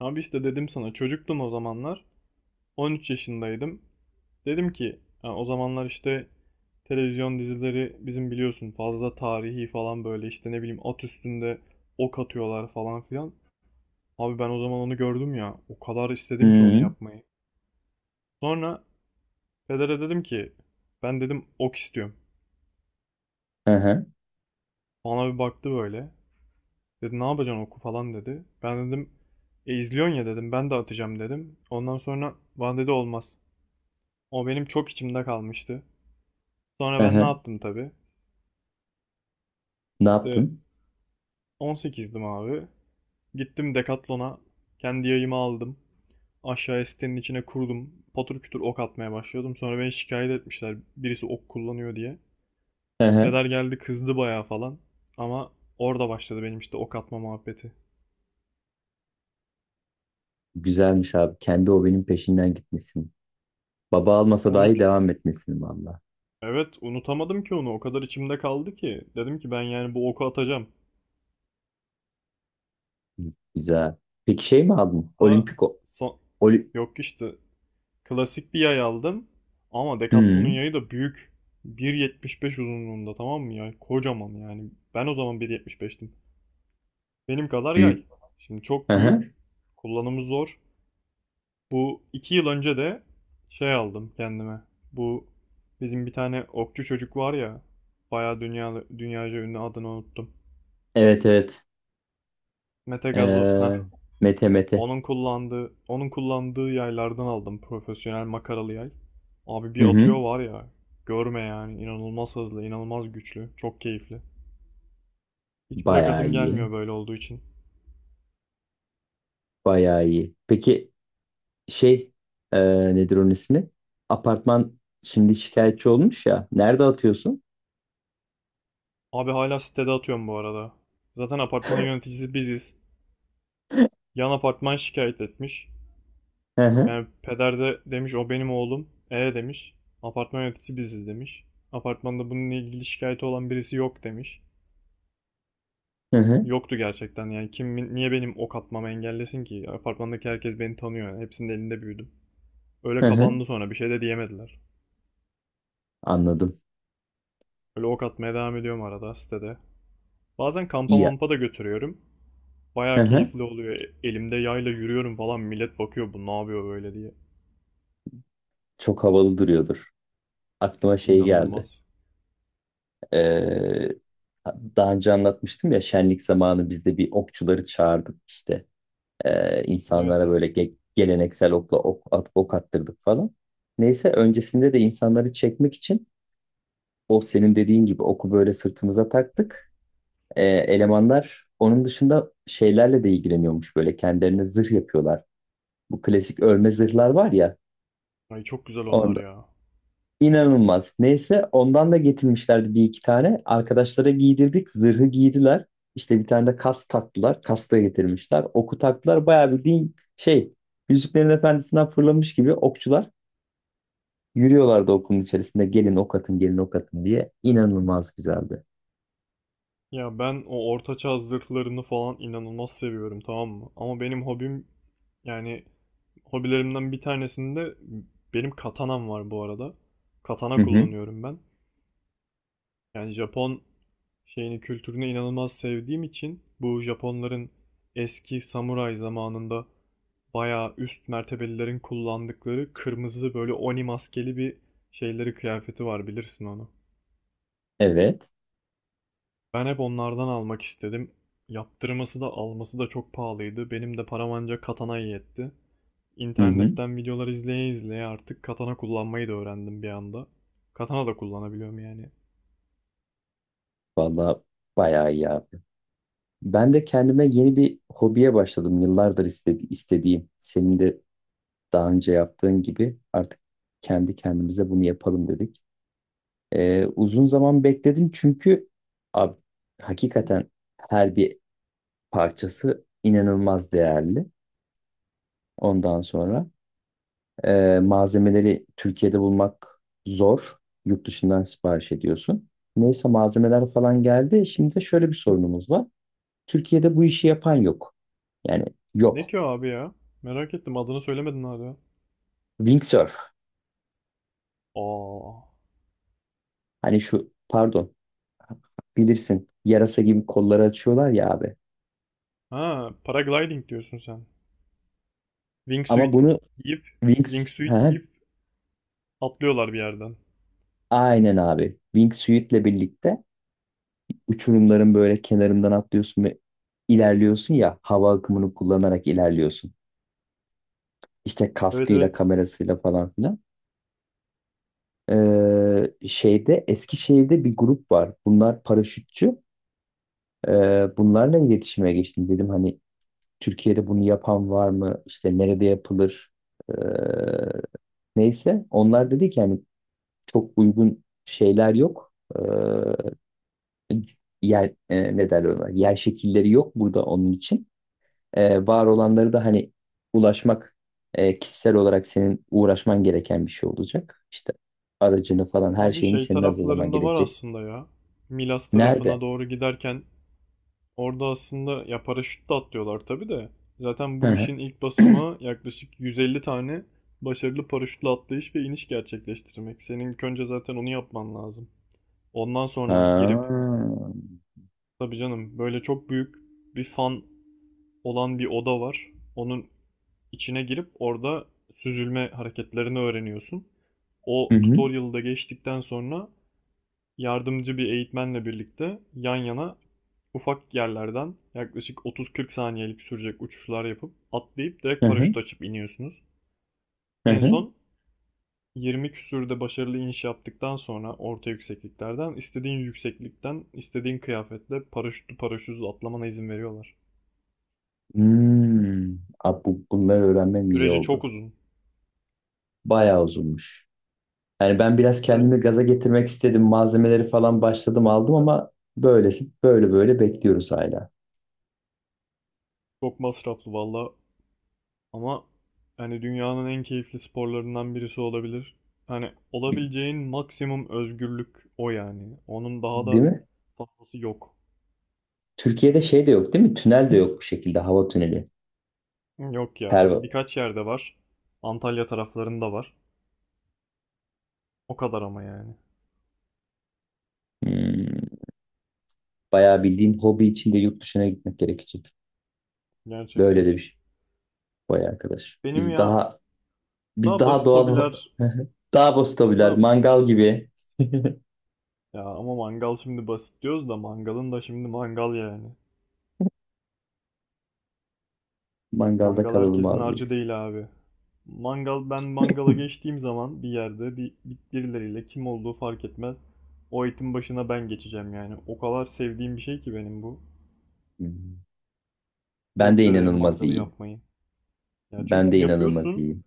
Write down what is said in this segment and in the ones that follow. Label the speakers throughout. Speaker 1: Abi işte dedim sana çocuktum o zamanlar. 13 yaşındaydım. Dedim ki o zamanlar işte televizyon dizileri bizim biliyorsun fazla tarihi falan böyle işte ne bileyim at üstünde ok atıyorlar falan filan. Abi ben o zaman onu gördüm ya. O kadar istedim ki onu
Speaker 2: Hı
Speaker 1: yapmayı. Sonra pedere dedim ki ben dedim ok istiyorum.
Speaker 2: hı,
Speaker 1: Bana bir baktı böyle. Dedi ne yapacaksın oku falan dedi. Ben dedim e izliyorsun ya dedim ben de atacağım dedim. Ondan sonra bana dedi olmaz. O benim çok içimde kalmıştı.
Speaker 2: hı
Speaker 1: Sonra ben ne
Speaker 2: hı.
Speaker 1: yaptım tabii.
Speaker 2: Ne
Speaker 1: İşte
Speaker 2: yaptın?
Speaker 1: 18'dim abi. Gittim Decathlon'a. Kendi yayımı aldım. Aşağıya sitenin içine kurdum. Patır kütür ok atmaya başlıyordum. Sonra beni şikayet etmişler. Birisi ok kullanıyor diye.
Speaker 2: Hı hı.
Speaker 1: Peder geldi kızdı bayağı falan. Ama orada başladı benim işte ok atma muhabbeti.
Speaker 2: Güzelmiş abi. Kendi hobinin peşinden gitmişsin. Baba almasa
Speaker 1: Unut.
Speaker 2: dahi devam etmişsin valla.
Speaker 1: Evet, unutamadım ki onu. O kadar içimde kaldı ki. Dedim ki ben yani bu oku atacağım.
Speaker 2: Güzel. Peki şey mi aldın?
Speaker 1: Hatta
Speaker 2: Olimpik o.
Speaker 1: son...
Speaker 2: Oli
Speaker 1: yok işte, klasik bir yay aldım. Ama Decathlon'un
Speaker 2: hı.
Speaker 1: yayı da büyük. 1,75 uzunluğunda, tamam mı ya? Kocaman yani. Ben o zaman 1,75'tim. Benim kadar yay.
Speaker 2: Büyük.
Speaker 1: Şimdi
Speaker 2: Hı
Speaker 1: çok
Speaker 2: hı.
Speaker 1: büyük. Kullanımı zor. Bu 2 yıl önce de şey aldım kendime. Bu bizim bir tane okçu çocuk var ya. Bayağı dünyaca ünlü, adını unuttum.
Speaker 2: Evet evet.
Speaker 1: Mete Gazoz.
Speaker 2: Ee,
Speaker 1: Ha.
Speaker 2: Mete Mete.
Speaker 1: Onun kullandığı yaylardan aldım. Profesyonel makaralı yay. Abi
Speaker 2: Hı
Speaker 1: bir
Speaker 2: hı.
Speaker 1: atıyor var ya. Görme yani. İnanılmaz hızlı, inanılmaz güçlü. Çok keyifli. Hiç
Speaker 2: Bayağı
Speaker 1: bırakasım
Speaker 2: iyi.
Speaker 1: gelmiyor böyle olduğu için.
Speaker 2: Bayağı iyi. Peki şey nedir onun ismi? Apartman şimdi şikayetçi olmuş ya. Nerede atıyorsun?
Speaker 1: Abi hala sitede atıyorum bu arada. Zaten apartmanın yöneticisi biziz. Yan apartman şikayet etmiş.
Speaker 2: Hı hı.
Speaker 1: Yani peder de demiş o benim oğlum. E demiş. Apartman yöneticisi biziz demiş. Apartmanda bununla ilgili şikayeti olan birisi yok demiş.
Speaker 2: Hı hı.
Speaker 1: Yoktu gerçekten yani, kim niye benim ok atmamı engellesin ki? Apartmandaki herkes beni tanıyor yani, hepsinin elinde büyüdüm. Öyle
Speaker 2: Hı hı.
Speaker 1: kapandı, sonra bir şey de diyemediler.
Speaker 2: Anladım.
Speaker 1: Öyle ok atmaya devam ediyorum arada sitede. Bazen kampa
Speaker 2: İyi.
Speaker 1: mampa da götürüyorum.
Speaker 2: Hı
Speaker 1: Bayağı
Speaker 2: hı.
Speaker 1: keyifli oluyor. Elimde yayla yürüyorum falan, millet bakıyor bu ne yapıyor böyle diye.
Speaker 2: Çok havalı duruyordur. Aklıma şey geldi.
Speaker 1: İnanılmaz.
Speaker 2: Ee, daha önce anlatmıştım ya şenlik zamanı bizde bir okçuları çağırdık işte. İnsanlara
Speaker 1: Evet.
Speaker 2: böyle geleneksel okla ok, at, ok attırdık falan. Neyse öncesinde de insanları çekmek için o senin dediğin gibi oku böyle sırtımıza taktık. Elemanlar onun dışında şeylerle de ilgileniyormuş böyle kendilerine zırh yapıyorlar. Bu klasik örme zırhlar var ya.
Speaker 1: Ay, çok güzel onlar ya.
Speaker 2: İnanılmaz. Neyse ondan da getirmişlerdi bir iki tane. Arkadaşlara giydirdik. Zırhı giydiler. İşte bir tane de kas taktılar. Kas da getirmişler. Oku taktılar. Bayağı bildiğin şey Yüzüklerin Efendisi'nden fırlamış gibi okçular yürüyorlardı okulun içerisinde. Gelin ok atın, gelin ok atın diye. İnanılmaz güzeldi.
Speaker 1: Ya ben o ortaçağ zırhlarını falan inanılmaz seviyorum, tamam mı? Ama benim hobim yani, hobilerimden bir tanesinde benim katanam var bu arada.
Speaker 2: Hı
Speaker 1: Katana
Speaker 2: hı.
Speaker 1: kullanıyorum ben. Yani Japon şeyini, kültürünü inanılmaz sevdiğim için, bu Japonların eski samuray zamanında bayağı üst mertebelilerin kullandıkları kırmızı böyle oni maskeli bir şeyleri, kıyafeti var, bilirsin onu.
Speaker 2: Evet.
Speaker 1: Ben hep onlardan almak istedim. Yaptırması da alması da çok pahalıydı. Benim de param ancak katanaya yetti.
Speaker 2: Hı hı.
Speaker 1: İnternetten videolar izleye izleye artık katana kullanmayı da öğrendim bir anda. Katana da kullanabiliyorum yani.
Speaker 2: Vallahi bayağı iyi abi. Ben de kendime yeni bir hobiye başladım. Yıllardır istediğim. Senin de daha önce yaptığın gibi artık kendi kendimize bunu yapalım dedik. Uzun zaman bekledim çünkü abi, hakikaten her bir parçası inanılmaz değerli. Ondan sonra malzemeleri Türkiye'de bulmak zor. Yurt dışından sipariş ediyorsun. Neyse malzemeler falan geldi. Şimdi de şöyle bir sorunumuz var. Türkiye'de bu işi yapan yok. Yani
Speaker 1: Ne
Speaker 2: yok.
Speaker 1: ki o abi ya? Merak ettim, adını söylemedin hala.
Speaker 2: Wingsurf.
Speaker 1: Aa.
Speaker 2: Hani şu pardon bilirsin yarasa gibi kolları açıyorlar ya abi.
Speaker 1: Ha, paragliding diyorsun sen.
Speaker 2: Ama
Speaker 1: Wingsuit
Speaker 2: bunu
Speaker 1: giyip,
Speaker 2: Wings
Speaker 1: wingsuit
Speaker 2: ha,
Speaker 1: giyip atlıyorlar bir yerden.
Speaker 2: aynen abi. Wingsuit'le birlikte uçurumların böyle kenarından atlıyorsun ve ilerliyorsun ya hava akımını kullanarak ilerliyorsun. İşte
Speaker 1: Evet,
Speaker 2: kaskıyla
Speaker 1: evet.
Speaker 2: kamerasıyla falan filan. Şeyde Eskişehir'de bir grup var. Bunlar paraşütçü. Bunlarla iletişime geçtim. Dedim hani Türkiye'de bunu yapan var mı? İşte nerede yapılır? Ee, neyse. Onlar dedi ki hani çok uygun şeyler yok. Ee, yer ne derler ona yer şekilleri yok burada onun için. Var olanları da hani ulaşmak kişisel olarak senin uğraşman gereken bir şey olacak. İşte aracını falan her
Speaker 1: Abi
Speaker 2: şeyini
Speaker 1: şey
Speaker 2: senin hazırlaman
Speaker 1: taraflarında var
Speaker 2: gerekecek.
Speaker 1: aslında ya. Milas tarafına
Speaker 2: Nerede?
Speaker 1: doğru giderken orada, aslında ya paraşütle atlıyorlar tabii de. Zaten
Speaker 2: Hı
Speaker 1: bu
Speaker 2: hı.
Speaker 1: işin ilk basamağı yaklaşık 150 tane başarılı paraşütle atlayış ve iniş gerçekleştirmek. Senin ilk önce zaten onu yapman lazım. Ondan sonra girip,
Speaker 2: Ha.
Speaker 1: tabii canım böyle çok büyük bir fan olan bir oda var. Onun içine girip orada süzülme hareketlerini öğreniyorsun.
Speaker 2: Hı
Speaker 1: O
Speaker 2: hı.
Speaker 1: tutorial'da geçtikten sonra yardımcı bir eğitmenle birlikte yan yana ufak yerlerden yaklaşık 30-40 saniyelik sürecek uçuşlar yapıp, atlayıp direkt
Speaker 2: Hı hı.
Speaker 1: paraşüt açıp iniyorsunuz.
Speaker 2: Hı
Speaker 1: En
Speaker 2: hı.
Speaker 1: son 20 küsürde başarılı iniş yaptıktan sonra, orta yüksekliklerden, istediğin yükseklikten istediğin kıyafetle paraşütlü paraşütsüz atlamana izin veriyorlar.
Speaker 2: Hmm. Abi bunları öğrenmem iyi
Speaker 1: Süreci çok
Speaker 2: oldu.
Speaker 1: uzun
Speaker 2: Bayağı uzunmuş. Yani ben biraz
Speaker 1: ve
Speaker 2: kendimi gaza getirmek istedim. Malzemeleri falan başladım aldım ama böylesi böyle böyle bekliyoruz hala.
Speaker 1: çok masraflı valla. Ama hani dünyanın en keyifli sporlarından birisi olabilir. Hani olabileceğin maksimum özgürlük o yani. Onun daha
Speaker 2: Değil
Speaker 1: da
Speaker 2: mi?
Speaker 1: fazlası yok.
Speaker 2: Türkiye'de şey de yok değil mi? Tünel de yok bu şekilde. Hava tüneli.
Speaker 1: Yok ya.
Speaker 2: Perva.
Speaker 1: Birkaç yerde var. Antalya taraflarında var. O kadar ama yani.
Speaker 2: Hmm, bayağı bildiğin hobi için de yurt dışına gitmek gerekecek. Böyle
Speaker 1: Gerçekten.
Speaker 2: de bir şey. Vay arkadaş.
Speaker 1: Benim
Speaker 2: Biz
Speaker 1: ya,
Speaker 2: daha biz
Speaker 1: daha
Speaker 2: daha
Speaker 1: basit
Speaker 2: doğal
Speaker 1: hobiler,
Speaker 2: daha bostabiler.
Speaker 1: daha
Speaker 2: Mangal gibi.
Speaker 1: ya ama mangal, şimdi basit diyoruz da mangalın da, şimdi mangal yani.
Speaker 2: Mangalda
Speaker 1: Mangal
Speaker 2: kalalım
Speaker 1: herkesin
Speaker 2: abi
Speaker 1: harcı
Speaker 2: biz.
Speaker 1: değil abi. Mangal, ben mangala geçtiğim zaman bir yerde birileriyle, kim olduğu fark etmez. O etin başına ben geçeceğim yani. O kadar sevdiğim bir şey ki benim bu.
Speaker 2: Hmm. Ben
Speaker 1: Çok
Speaker 2: de
Speaker 1: severim
Speaker 2: inanılmaz
Speaker 1: mangalı
Speaker 2: iyiyim.
Speaker 1: yapmayı. Ya
Speaker 2: Ben
Speaker 1: çünkü
Speaker 2: de inanılmaz
Speaker 1: yapıyorsun,
Speaker 2: iyiyim.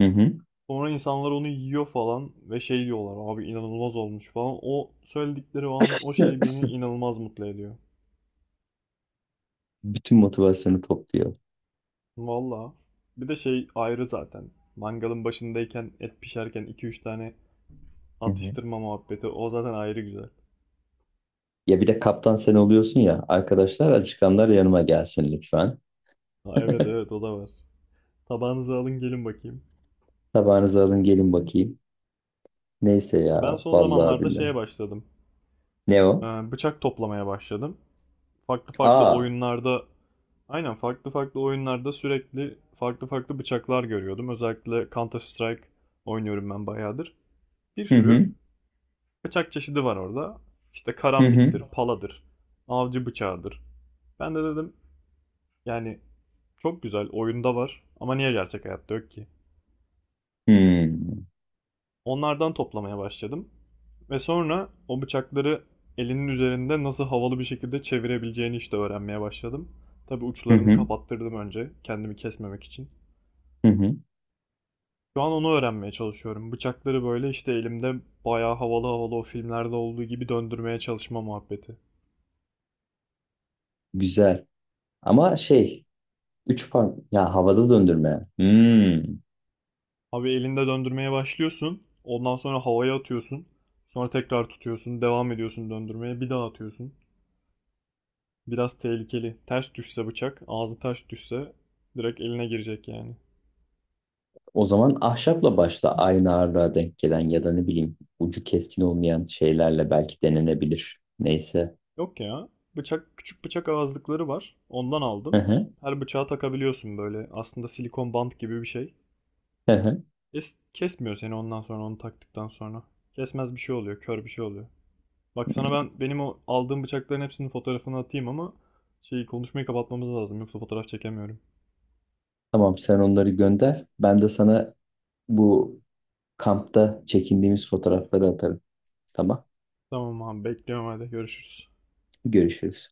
Speaker 2: Hı hı.
Speaker 1: sonra insanlar onu yiyor falan ve şey diyorlar, abi inanılmaz olmuş falan. O söyledikleri o an, o şey beni inanılmaz mutlu ediyor.
Speaker 2: Bütün motivasyonu topluyor.
Speaker 1: Valla. Bir de şey ayrı zaten. Mangalın başındayken, et pişerken 2-3 tane
Speaker 2: Hı hı.
Speaker 1: atıştırma muhabbeti, o zaten ayrı güzel.
Speaker 2: Ya bir de kaptan sen oluyorsun ya. Arkadaşlar açıkanlar yanıma gelsin lütfen.
Speaker 1: Ha, evet, evet o da var. Tabağınızı alın gelin bakayım.
Speaker 2: Tabağınızı alın gelin bakayım. Neyse
Speaker 1: Ben
Speaker 2: ya
Speaker 1: son
Speaker 2: vallahi
Speaker 1: zamanlarda
Speaker 2: billahi.
Speaker 1: şeye başladım.
Speaker 2: Ne
Speaker 1: E,
Speaker 2: o?
Speaker 1: Bıçak toplamaya başladım. Farklı farklı
Speaker 2: Aa.
Speaker 1: oyunlarda, aynen, farklı farklı oyunlarda sürekli farklı farklı bıçaklar görüyordum. Özellikle Counter Strike oynuyorum ben bayağıdır. Bir
Speaker 2: Hı
Speaker 1: sürü
Speaker 2: hı.
Speaker 1: bıçak çeşidi var orada. İşte
Speaker 2: Hı hı.
Speaker 1: karambittir, paladır, avcı bıçağıdır. Ben de dedim yani, çok güzel oyunda var ama niye gerçek hayatta yok ki?
Speaker 2: Hı hı.
Speaker 1: Onlardan toplamaya başladım. Ve sonra o bıçakları elinin üzerinde nasıl havalı bir şekilde çevirebileceğini işte öğrenmeye başladım. Tabii
Speaker 2: Hı
Speaker 1: uçlarını
Speaker 2: hı.
Speaker 1: kapattırdım önce, kendimi kesmemek için.
Speaker 2: Hı.
Speaker 1: Şu an onu öğrenmeye çalışıyorum. Bıçakları böyle işte elimde bayağı havalı havalı, o filmlerde olduğu gibi döndürmeye çalışma muhabbeti.
Speaker 2: Güzel. Ama şey üç par ya havada döndürme. Hmm.
Speaker 1: Abi elinde döndürmeye başlıyorsun. Ondan sonra havaya atıyorsun. Sonra tekrar tutuyorsun. Devam ediyorsun döndürmeye. Bir daha atıyorsun. Biraz tehlikeli. Ters düşse bıçak, ağzı ters düşse direkt eline girecek yani.
Speaker 2: O zaman ahşapla başla aynı ağırlığa denk gelen ya da ne bileyim ucu keskin olmayan şeylerle belki denenebilir. Neyse.
Speaker 1: Yok ya. Bıçak, küçük bıçak ağızlıkları var. Ondan
Speaker 2: Hı
Speaker 1: aldım.
Speaker 2: hı.
Speaker 1: Her bıçağa takabiliyorsun böyle. Aslında silikon bant gibi bir şey.
Speaker 2: Hı hı.
Speaker 1: Es kesmiyor seni ondan sonra, onu taktıktan sonra. Kesmez bir şey oluyor, kör bir şey oluyor. Bak sana benim o aldığım bıçakların hepsinin fotoğrafını atayım, ama şeyi, konuşmayı kapatmamız lazım yoksa fotoğraf çekemiyorum.
Speaker 2: Tamam sen onları gönder. Ben de sana bu kampta çekindiğimiz fotoğrafları atarım. Tamam.
Speaker 1: Tamam abi, bekliyorum, hadi görüşürüz.
Speaker 2: Görüşürüz.